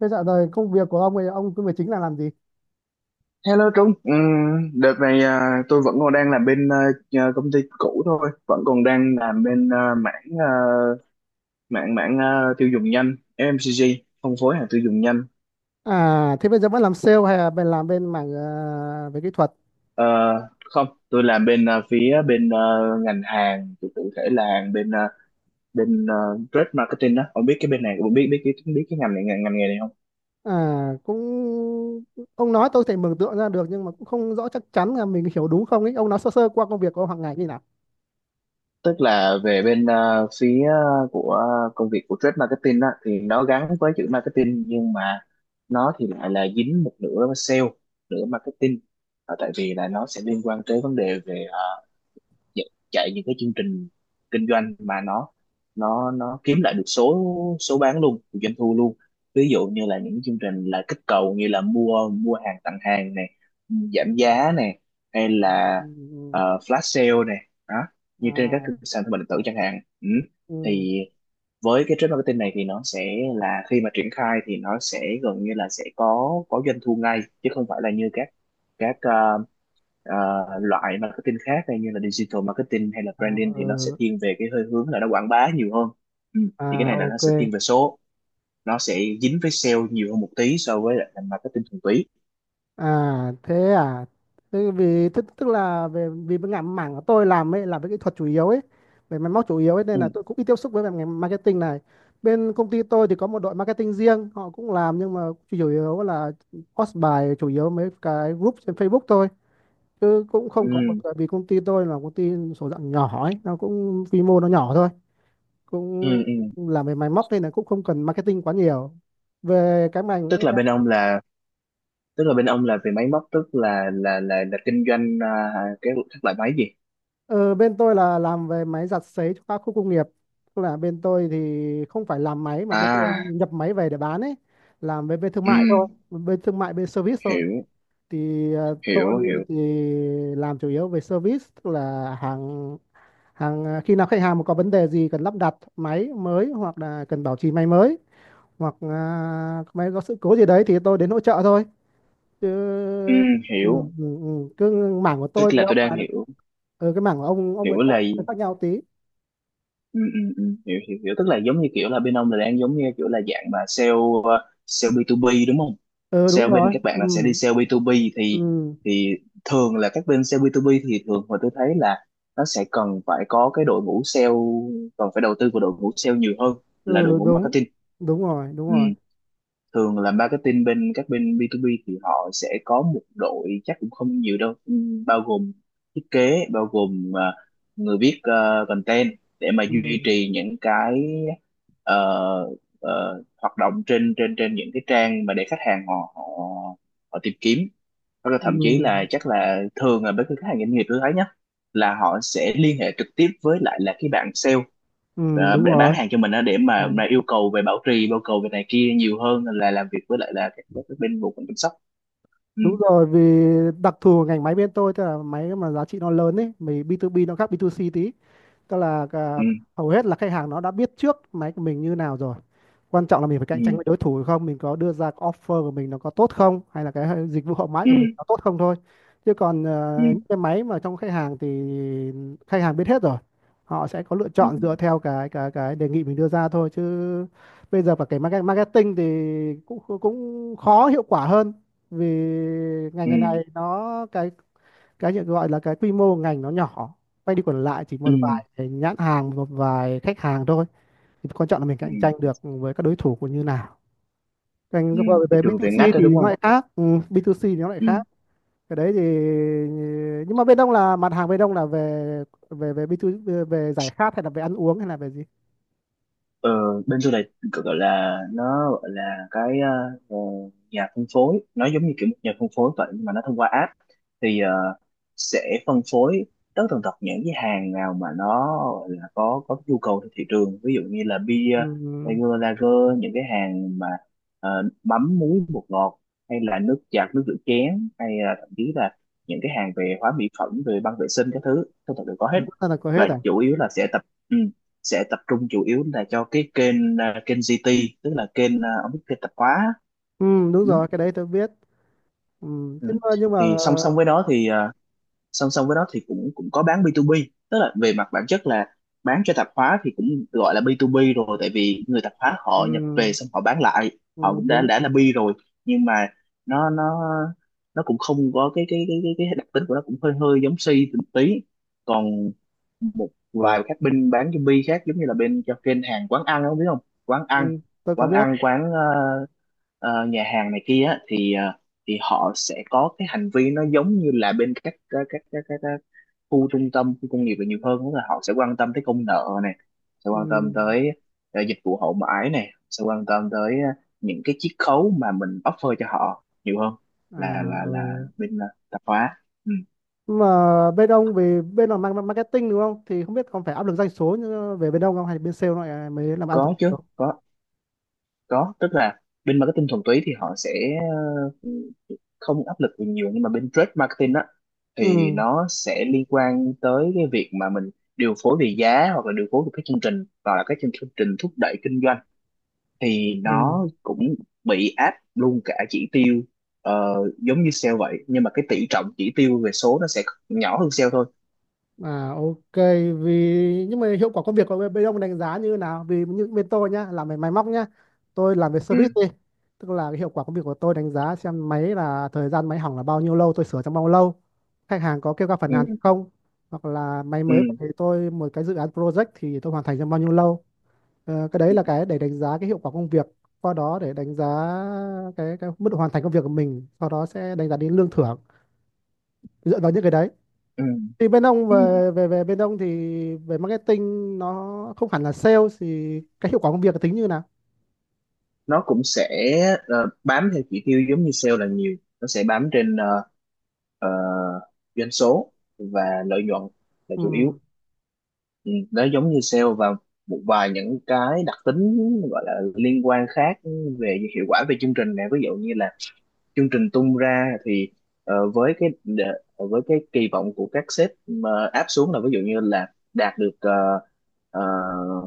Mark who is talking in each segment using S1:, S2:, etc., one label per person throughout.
S1: Thế dạo rồi công việc của ông ấy, ông công việc chính là làm gì?
S2: Hello Trung, đợt này à, tôi vẫn còn đang làm bên công ty cũ thôi, vẫn còn đang làm bên mảng à, mảng mảng à, tiêu dùng nhanh FMCG, phân phối hàng tiêu dùng nhanh.
S1: À, thế bây giờ vẫn làm sale hay là bên làm bên mảng về kỹ thuật?
S2: Ờ, không, tôi làm bên phía bên ngành hàng, cụ cụ thể là hàng bên bên à, trade marketing đó. Ông biết cái bên này, ông biết biết cái ngành này ngành nghề này không?
S1: À, cũng ông nói tôi thể mường tượng ra được nhưng mà cũng không rõ chắc chắn là mình hiểu đúng không ấy. Ông nói sơ sơ qua công việc của ông hàng ngày như nào?
S2: Tức là về bên phía của công việc của trade marketing đó thì nó gắn với chữ marketing, nhưng mà nó thì lại là dính một nửa sale nửa marketing. Ờ, tại vì là nó sẽ liên quan tới vấn đề về chạy chạy những cái chương trình kinh doanh mà nó nó kiếm lại được số số bán luôn, được doanh thu luôn, ví dụ như là những chương trình là kích cầu như là mua mua hàng tặng hàng này,
S1: Ừ,
S2: giảm giá này hay
S1: ừ, ừ,
S2: là
S1: ừ, ừ.
S2: flash sale này đó, như trên các
S1: À,
S2: sàn thương mại điện tử chẳng hạn. Ừ,
S1: ừ,
S2: thì với cái trade marketing này thì nó sẽ là khi mà triển khai thì nó sẽ gần như là sẽ có doanh thu ngay chứ không phải là như các các ờ, Ờ, loại marketing khác hay như là digital marketing hay là
S1: à,
S2: branding thì nó sẽ
S1: ừ,
S2: thiên về cái hơi hướng là nó quảng bá nhiều hơn. Ừ, thì cái
S1: à,
S2: này là nó sẽ
S1: ok.
S2: thiên về số, nó sẽ dính với sale nhiều hơn một tí so với lại là marketing thuần túy.
S1: À thế vì tức là về vì cái ngành mảng của tôi làm ấy là về kỹ thuật chủ yếu ấy, về máy móc chủ yếu ấy, nên
S2: Ừ.
S1: là tôi cũng ít tiếp xúc với về ngành marketing này. Bên công ty tôi thì có một đội marketing riêng, họ cũng làm nhưng mà chủ yếu là post bài chủ yếu mấy cái group trên Facebook thôi, chứ cũng
S2: Ừ.
S1: không có một, tại vì công ty tôi là công ty số dạng nhỏ ấy, nó cũng quy mô nó nhỏ thôi, cũng
S2: Ừ. Ừ.
S1: làm về máy móc nên là cũng không cần marketing quá nhiều về cái ngành.
S2: Tức là bên ông là, tức là bên ông là về máy móc, tức là là kinh doanh cái các loại máy gì.
S1: Ờ, bên tôi là làm về máy giặt sấy cho các khu công nghiệp. Tức là bên tôi thì không phải làm máy mà bên tôi
S2: À,
S1: nhập máy về để bán ấy, làm về bên thương
S2: ừ,
S1: mại thôi, bên thương mại bên service thôi.
S2: hiểu
S1: Thì tôi
S2: hiểu hiểu.
S1: thì làm chủ yếu về service, tức là hàng hàng khi nào khách hàng mà có vấn đề gì cần lắp đặt máy mới hoặc là cần bảo trì máy mới hoặc máy có sự cố gì đấy thì tôi đến hỗ trợ thôi. Chứ
S2: Ừ,
S1: ừ,
S2: hiểu,
S1: ừ, ừ. ừ, cứ mảng của
S2: tức
S1: tôi
S2: là
S1: với
S2: tôi
S1: ông bà,
S2: đang hiểu,
S1: ừ, cái mảng của ông
S2: hiểu
S1: với tôi
S2: là
S1: khác nhau tí.
S2: ừ, ừ, ừ, hiểu hiểu hiểu. Tức là giống như kiểu là bên ông là đang giống như kiểu là dạng mà sale, sale B2B đúng không?
S1: Ừ, đúng
S2: Sale bên
S1: rồi.
S2: các bạn
S1: ừ
S2: là sẽ đi sale B2B thì
S1: ừ
S2: thì thường là các bên sale B2B thì thường mà tôi thấy là nó sẽ cần phải có cái đội ngũ sale, cần phải đầu tư vào đội ngũ sale nhiều hơn là đội
S1: ừ
S2: ngũ
S1: Đúng,
S2: marketing.
S1: đúng rồi, đúng
S2: Ừ,
S1: rồi.
S2: thường là marketing bên các bên B2B thì họ sẽ có một đội chắc cũng không nhiều đâu, bao gồm thiết kế, bao gồm người viết content để mà duy
S1: ừ
S2: trì những cái ờ, hoạt động trên trên trên những cái trang mà để khách hàng họ họ họ tìm kiếm. Hoặc là
S1: ừ
S2: thậm chí là chắc là thường là với cái khách hàng doanh nghiệp tôi thấy nhá, là họ sẽ liên hệ trực tiếp với lại là cái bạn sale
S1: ừ Đúng
S2: để bán
S1: rồi.
S2: hàng cho mình á, để
S1: Ừ.
S2: mà yêu cầu về bảo trì, yêu cầu về này kia nhiều hơn là làm việc với lại là các bên bộ phận chăm sóc. Ừ,
S1: Đúng rồi, vì đặc thù của ngành máy bên tôi, tức là máy mà giá trị nó lớn ấy, mình B2B nó khác B2C tí, tức là
S2: ừ,
S1: hầu hết là khách hàng nó đã biết trước máy của mình như nào rồi, quan trọng là mình phải cạnh
S2: ừ,
S1: tranh với đối thủ hay không, mình có đưa ra cái offer của mình nó có tốt không, hay là cái dịch vụ hậu mãi
S2: ừ,
S1: của mình có tốt không thôi. Chứ còn
S2: ừ,
S1: những cái máy mà trong khách hàng thì khách hàng biết hết rồi, họ sẽ có lựa
S2: ừ,
S1: chọn dựa theo cái đề nghị mình đưa ra thôi. Chứ bây giờ và cái marketing thì cũng cũng khó hiệu quả hơn, vì ngành
S2: ừ,
S1: ngày này nó cái nhận gọi là cái quy mô ngành nó nhỏ, quay đi quẩn lại chỉ
S2: ừ,
S1: một vài cái nhãn hàng, một vài khách hàng thôi, thì quan trọng là mình
S2: ừ,
S1: cạnh tranh được với các đối thủ của như nào. Còn
S2: ừ.
S1: qua
S2: Thị
S1: về
S2: trường về ngách
S1: B2C
S2: đó
S1: thì
S2: đúng
S1: nó
S2: không?
S1: lại khác. Ừ, B2C thì nó lại
S2: Ừ,
S1: khác cái đấy thì, nhưng mà bên ông là mặt hàng bên ông là về về về B2, về về giải khát hay là về ăn uống hay là về gì?
S2: Ờ, bên tôi là, gọi là nó gọi là cái ờ, nhà phân phối, nó giống như kiểu một nhà phân phối vậy, nhưng mà nó thông qua app. Thì ờ, sẽ phân phối tới tần tật những cái hàng nào mà nó gọi là có nhu cầu trên thị trường, ví dụ như là bia
S1: Ừ.
S2: lager lager những cái hàng mà ờ, mắm muối bột ngọt, hay là nước giặt nước rửa chén, hay là thậm chí là những cái hàng về hóa mỹ phẩm, về băng vệ sinh các thứ, tất cả đều có
S1: À,
S2: hết.
S1: tất cả là có hết
S2: Và
S1: à?
S2: chủ yếu là sẽ tập, ừ, sẽ tập trung chủ yếu là cho cái kênh kênh GT, tức là kênh, ông biết, kênh tạp hóa.
S1: Ừ, đúng
S2: Ừ.
S1: rồi, cái đấy tôi biết. Ừ.
S2: Ừ.
S1: Thế mà nhưng
S2: Thì
S1: mà
S2: song song với đó thì song song với đó thì cũng cũng có bán B2B. Tức là về mặt bản chất là bán cho tạp hóa thì cũng gọi là B2B rồi, tại vì người tạp hóa
S1: ừ,
S2: họ nhập về xong họ bán lại,
S1: ừ,
S2: họ cũng
S1: đúng,
S2: đã là B rồi. Nhưng mà nó nó cũng không có cái cái đặc tính của nó cũng hơi hơi giống C một tí. Còn một vài các bên bán zombie khác giống như là bên cho kênh hàng quán ăn, không biết không? Quán
S1: ừ,
S2: ăn,
S1: tôi có biết.
S2: quán nhà hàng này kia á, thì ờ, thì họ sẽ có cái hành vi nó giống như là bên các khu trung tâm, khu công nghiệp là nhiều hơn, tức là họ sẽ quan tâm tới công nợ này, sẽ quan tâm
S1: Ừ.
S2: tới dịch vụ hậu mãi này, sẽ quan tâm tới những cái chiết khấu mà mình offer cho họ nhiều hơn
S1: À.
S2: là
S1: Ừ.
S2: bên tạp hóa. Ừ.
S1: Mà bên ông về bên là marketing đúng không, thì không biết còn phải áp lực doanh số như về bên ông không, hay bên sale lại mới làm áp lực
S2: Có
S1: doanh
S2: chứ,
S1: số?
S2: có có. Tức là bên marketing thuần túy thì họ sẽ ờ, không áp lực về nhiều, nhưng mà bên trade marketing á thì
S1: ừ
S2: nó sẽ liên quan tới cái việc mà mình điều phối về giá hoặc là điều phối về các chương trình hoặc là các chương chương trình thúc đẩy kinh doanh, thì
S1: ừ
S2: nó cũng bị áp luôn cả chỉ tiêu, ờ, giống như sale vậy, nhưng mà cái tỷ trọng chỉ tiêu về số nó sẽ nhỏ hơn sale thôi.
S1: À, ok. Vì nhưng mà hiệu quả công việc của bên bên ông đánh giá như thế nào? Vì như bên tôi nhá, làm về máy móc nhá, tôi làm về service
S2: Ừ,
S1: đi, tức là cái hiệu quả công việc của tôi đánh giá xem máy là thời gian máy hỏng là bao nhiêu lâu, tôi sửa trong bao lâu, khách hàng có kêu ca phản
S2: ừ,
S1: nàn không, hoặc là máy
S2: ừ,
S1: mới về thì tôi một cái dự án project thì tôi hoàn thành trong bao nhiêu lâu. Ờ, cái đấy là cái để đánh giá cái hiệu quả công việc, qua đó để đánh giá cái mức độ hoàn thành công việc của mình, sau đó sẽ đánh giá đến lương thưởng dựa vào những cái đấy.
S2: ừ,
S1: Thì bên ông
S2: ừ.
S1: về về về bên ông thì về marketing nó không hẳn là sale, thì cái hiệu quả công việc tính như nào?
S2: Nó cũng sẽ bám theo chỉ tiêu giống như sale là nhiều, nó sẽ bám trên ờ, doanh số và lợi nhuận là chủ yếu.
S1: Ừ.
S2: Ừ, nó giống như sale và một vài những cái đặc tính gọi là liên quan khác, về hiệu quả về chương trình này, ví dụ như là chương trình tung ra thì với cái kỳ vọng của các sếp mà áp xuống là ví dụ như là đạt được ờ,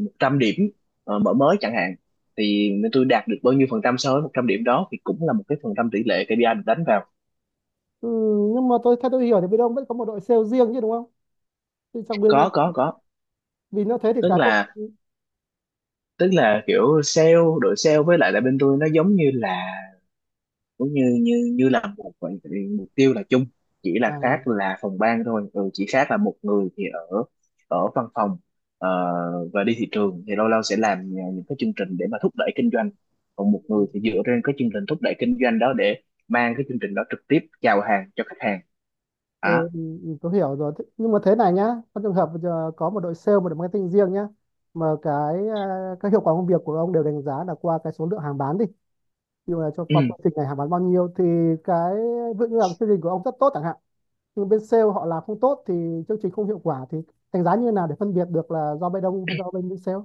S2: 100 điểm mở mới chẳng hạn, thì tôi đạt được bao nhiêu phần trăm so với 100 điểm đó, thì cũng là một cái phần trăm tỷ lệ KPI được đánh vào.
S1: Ừ, nhưng mà tôi theo tôi hiểu thì bên ông vẫn có một đội sale riêng chứ đúng không, thì trong bên,
S2: Có có có.
S1: vì nó thế thì
S2: Tức
S1: cái
S2: là, tức là kiểu sale, đội sale với lại là bên tôi nó giống như là cũng như như như là một mục tiêu là chung, chỉ là
S1: à,
S2: khác là phòng ban thôi. Ừ, chỉ khác là một người thì ở ở văn phòng ờ, và đi thị trường thì lâu lâu sẽ làm những cái chương trình để mà thúc đẩy kinh doanh, còn một người thì dựa trên cái chương trình thúc đẩy kinh doanh đó để mang cái chương trình đó trực tiếp chào hàng cho khách hàng.
S1: ừ,
S2: À,
S1: ừ, ừ, tôi hiểu rồi. Thế, nhưng mà thế này nhá, trong trường hợp bây giờ có một đội sale, một đội marketing riêng nhá, mà các hiệu quả công việc của ông đều đánh giá là qua cái số lượng hàng bán đi. Ví dụ là cho qua chương trình này hàng bán bao nhiêu thì cái, ví dụ như là chương trình của ông rất tốt chẳng hạn, nhưng bên sale họ làm không tốt thì chương trình không hiệu quả, thì đánh giá như thế nào để phân biệt được là do bên ông hay do bên bên sale?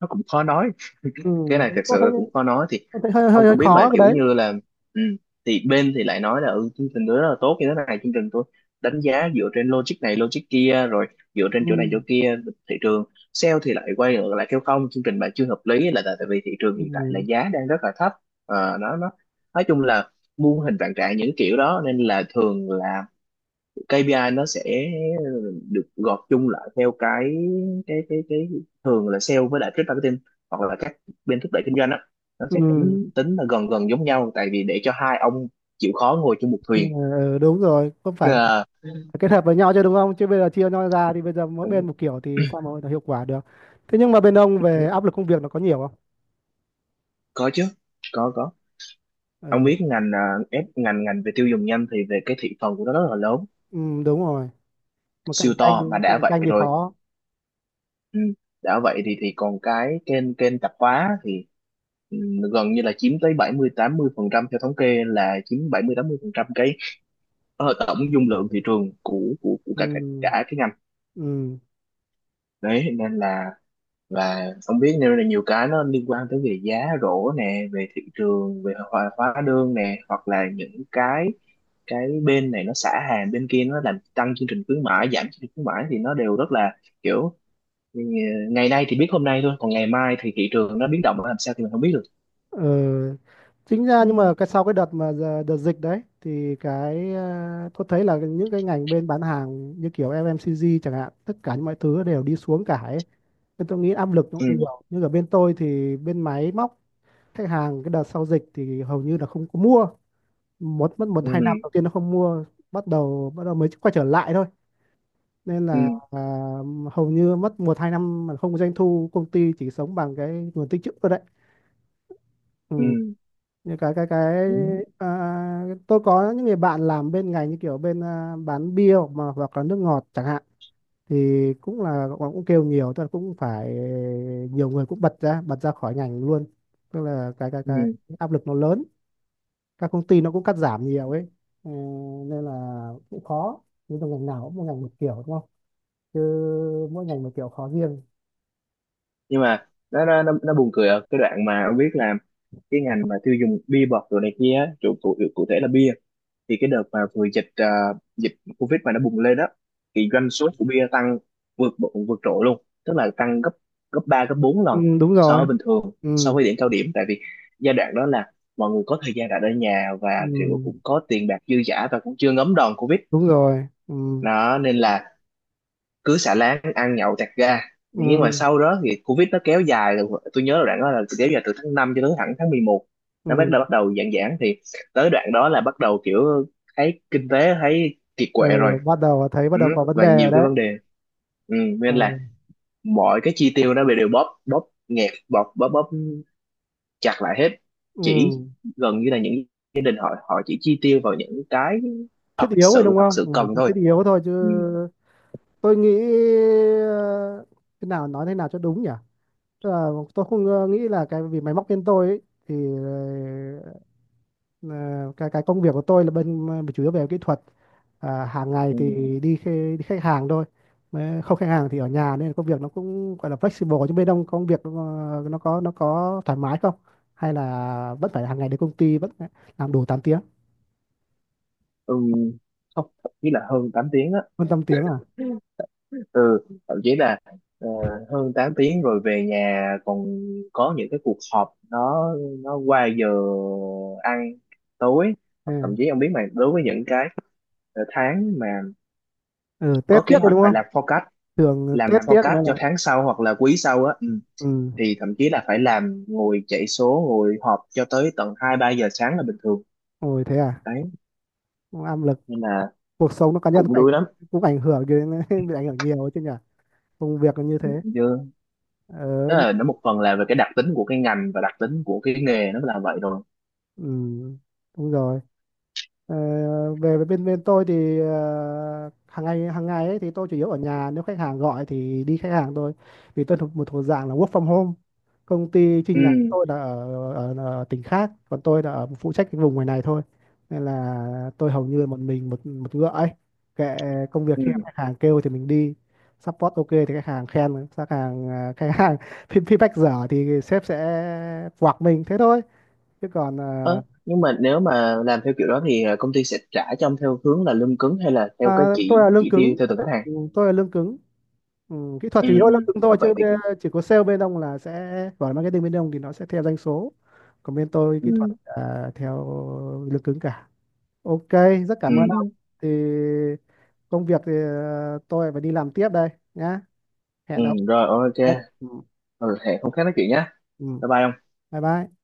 S2: nó cũng khó nói,
S1: Ừ,
S2: cái này thật
S1: đúng tôi
S2: sự
S1: thấy,
S2: là cũng khó nói. Thì
S1: tôi thấy hơi
S2: ông
S1: hơi, hơi
S2: cũng biết mà,
S1: khó cái
S2: kiểu
S1: đấy.
S2: như là ừ, thì bên thì lại nói là ừ, chương trình tôi rất là tốt như thế này, chương trình tôi đánh giá dựa trên logic này logic kia rồi, dựa trên
S1: Ừ,
S2: chỗ này chỗ kia, thị trường. Sale thì lại quay ngược lại kêu không, chương trình bạn chưa hợp lý là tại tại vì thị trường hiện tại là
S1: ừ,
S2: giá đang rất là thấp. Ờ, nó nói chung là muôn hình vạn trạng những kiểu đó, nên là thường là KPI nó sẽ được gộp chung lại theo cái thường là sale với lại trade marketing hoặc là các bên thúc đẩy kinh doanh á, nó sẽ
S1: ừ,
S2: tính là gần gần giống nhau, tại vì để cho hai ông chịu khó ngồi chung một
S1: ừ,
S2: thuyền.
S1: đúng rồi, không phải,
S2: Ờ,
S1: phải kết hợp với nhau chứ đúng không, chứ bây giờ chia nhau ra thì bây giờ mỗi
S2: cũng-.
S1: bên một kiểu thì sao mà hiệu quả được. Thế nhưng mà bên ông về áp lực công việc nó có nhiều không?
S2: Có chứ, có có. Ông biết
S1: Ừ,
S2: ngành à, ép ngành ngành về tiêu dùng nhanh thì về cái thị phần của nó rất là lớn,
S1: ừ, đúng rồi, mà
S2: siêu
S1: cạnh tranh
S2: to. Mà đã
S1: cạnh
S2: vậy
S1: tranh thì
S2: rồi.
S1: khó.
S2: Ừ. Đã vậy thì còn cái kênh kênh tạp hóa thì ừ, gần như là chiếm tới 70-80%. Theo thống kê là chiếm 70-80% cái tổng dung lượng thị trường của cả cả,
S1: ừ
S2: cả cái ngành
S1: ừ
S2: đấy, nên là. Và không biết, nên là nhiều cái nó liên quan tới về giá rổ nè, về thị trường, về hóa hóa đơn nè, hoặc là những cái bên này nó xả hàng, bên kia nó làm tăng chương trình khuyến mãi, giảm chương trình khuyến mãi, thì nó đều rất là kiểu. Ừ, ngày nay thì biết hôm nay thôi, còn ngày mai thì thị trường nó biến động nó làm sao thì mình không biết được.
S1: Ờ, chính ra
S2: Ừ.
S1: nhưng mà cái sau cái đợt mà đợt dịch đấy thì cái, ờ, tôi thấy là những cái ngành bên bán hàng như kiểu FMCG chẳng hạn, tất cả mọi thứ đều đi xuống cả ấy, nên tôi nghĩ áp lực nó cũng
S2: Ừ,
S1: nhiều, nhưng ở bên tôi thì bên máy móc, khách hàng cái đợt sau dịch thì hầu như là không có mua, một mất một
S2: ừ,
S1: hai năm đầu tiên nó không mua, bắt đầu mới quay trở lại thôi. Nên
S2: ừ,
S1: là hầu như mất một hai năm mà không có doanh thu, công ty chỉ sống bằng cái nguồn tích trữ thôi đấy.
S2: ừ,
S1: Ừ. Như cái
S2: ừ,
S1: à, tôi có những người bạn làm bên ngành như kiểu bên bán bia hoặc mà hoặc là nước ngọt chẳng hạn, thì cũng là cũng kêu nhiều, tức là cũng phải nhiều người cũng bật ra khỏi ngành luôn, tức là cái cái
S2: ừ.
S1: cái áp lực nó lớn, các công ty nó cũng cắt giảm nhiều ấy. Ờ, nên là cũng khó, nhưng mà ngành nào cũng mỗi ngành một kiểu đúng không, chứ mỗi ngành một kiểu khó riêng.
S2: Nhưng mà nó buồn cười ở cái đoạn mà ông biết là cái ngành mà tiêu dùng bia bọt rồi này kia á, chủ cụ cụ thể là bia, thì cái đợt mà vừa dịch dịch Covid mà nó bùng lên đó, thì doanh số của bia tăng vượt vượt trội luôn, tức là tăng gấp gấp 3 gấp 4
S1: Ừ,
S2: lần
S1: đúng
S2: so
S1: rồi.
S2: với bình thường,
S1: Ừ,
S2: so với cao điểm. Tại vì giai đoạn đó là mọi người có thời gian đặt ở nhà và kiểu
S1: ừ,
S2: cũng có tiền bạc dư dả và cũng chưa ngấm đòn Covid
S1: đúng rồi. Ừ,
S2: đó, nên là cứ xà láng ăn nhậu chặt ga. Nhưng mà
S1: ừ,
S2: sau đó thì covid nó kéo dài rồi, tôi nhớ là đoạn đó là kéo dài từ tháng 5 cho tới thẳng tháng 11. Nó
S1: ừ.
S2: bắt đầu giãn giãn thì tới đoạn đó là bắt đầu kiểu thấy kinh tế thấy kiệt
S1: Ờ,
S2: quệ rồi.
S1: bắt
S2: Ừ,
S1: đầu có vấn
S2: và
S1: đề rồi
S2: nhiều cái
S1: đấy.
S2: vấn đề. Ừ,
S1: Ờ,
S2: nên là mọi cái chi tiêu nó bị đều bóp bóp nghẹt bóp bóp bóp chặt lại hết. Chỉ
S1: ừ.
S2: gần như là những gia đình họ họ chỉ chi tiêu vào những cái
S1: Thiết yếu rồi đúng
S2: thật
S1: không?
S2: sự cần
S1: Ừ,
S2: thôi.
S1: thiết yếu thôi chứ
S2: Ừ,
S1: tôi nghĩ. Ờ, thế nào, nói thế nào cho đúng nhỉ, tức là tôi không nghĩ là cái, vì máy móc bên tôi ấy, thì Ờ, cái công việc của tôi là bên chủ yếu về kỹ thuật, hàng ngày
S2: ừ,
S1: thì đi khách hàng thôi. Mà không khách hàng thì ở nhà, nên công việc nó cũng gọi là flexible, nhưng bên ông công việc nó có, nó có thoải mái không, hay là vẫn phải hàng ngày đến công ty vẫn phải làm đủ tám tiếng?
S2: ừ, không, thậm là hơn 8 tiếng á.
S1: Hơn 8 tiếng à?
S2: Ừ, thậm chí là ờ, hơn 8 tiếng rồi về nhà còn có những cái cuộc họp nó qua giờ ăn tối. Hoặc thậm
S1: Ừ.
S2: chí ông biết mà, đối với những cái tháng mà
S1: Ừ, Tết
S2: có kế
S1: tiếc rồi
S2: hoạch
S1: đúng
S2: và
S1: không,
S2: làm forecast,
S1: thường
S2: làm
S1: Tết tiếc
S2: forecast
S1: mới là.
S2: cho tháng sau hoặc là quý sau á. Ừ,
S1: Ừ.
S2: thì thậm chí là phải làm ngồi chạy số ngồi họp cho tới tận 2-3 giờ sáng là bình thường
S1: Ôi thế à,
S2: đấy,
S1: áp lực,
S2: nên là
S1: cuộc sống nó cá nhân
S2: cũng đuối lắm
S1: cũng ảnh hưởng đến bị ảnh hưởng nhiều ấy chứ nhỉ, công việc là như thế.
S2: chứ.
S1: Ờ
S2: Tức là
S1: nhưng,
S2: nó một phần là về cái đặc tính của cái ngành và đặc tính của cái nghề nó là vậy rồi.
S1: ừ đúng rồi. Ờ, về với bên bên tôi thì hàng ngày ấy thì tôi chủ yếu ở nhà, nếu khách hàng gọi thì đi khách hàng thôi, vì tôi thuộc thuộc dạng là work from home. Công ty chi
S2: Ừ.
S1: nhánh của tôi là ở tỉnh khác, còn tôi là ở phụ trách cái vùng ngoài này thôi. Nên là tôi hầu như là một mình một một ngựa ấy, kệ, công việc
S2: Ừ.
S1: khi khách hàng kêu thì mình đi support, ok thì khách hàng khen, khách hàng khách hàng feedback dở thì sếp sẽ quạc mình thế thôi. Chứ còn
S2: Ờ, nhưng mà nếu mà làm theo kiểu đó thì ờ, công ty sẽ trả cho ông theo hướng là lương cứng hay là theo cái
S1: à, tôi là lương
S2: chỉ tiêu
S1: cứng.
S2: theo từng khách hàng?
S1: Ừ, tôi là lương cứng. Ừ, kỹ thuật
S2: Ừ,
S1: chủ yếu là
S2: ừ.
S1: lương cứng
S2: Ờ,
S1: thôi,
S2: vậy
S1: chứ
S2: thì
S1: chỉ có sale bên ông là sẽ gọi marketing bên ông thì nó sẽ theo doanh số. Còn bên tôi
S2: ừ,
S1: kỹ thuật là theo lương cứng cả. Ok, rất
S2: ừ,
S1: cảm ơn ông,
S2: ừ,
S1: thì công việc thì tôi phải đi làm tiếp đây nhá,
S2: ừ.
S1: hẹn ông.
S2: Rồi, ok.
S1: Dạ. Ừ.
S2: Ừ, hẹn hôm khác nói chuyện nhé.
S1: Ừ.
S2: Bye bye. Ông.
S1: Bye bye.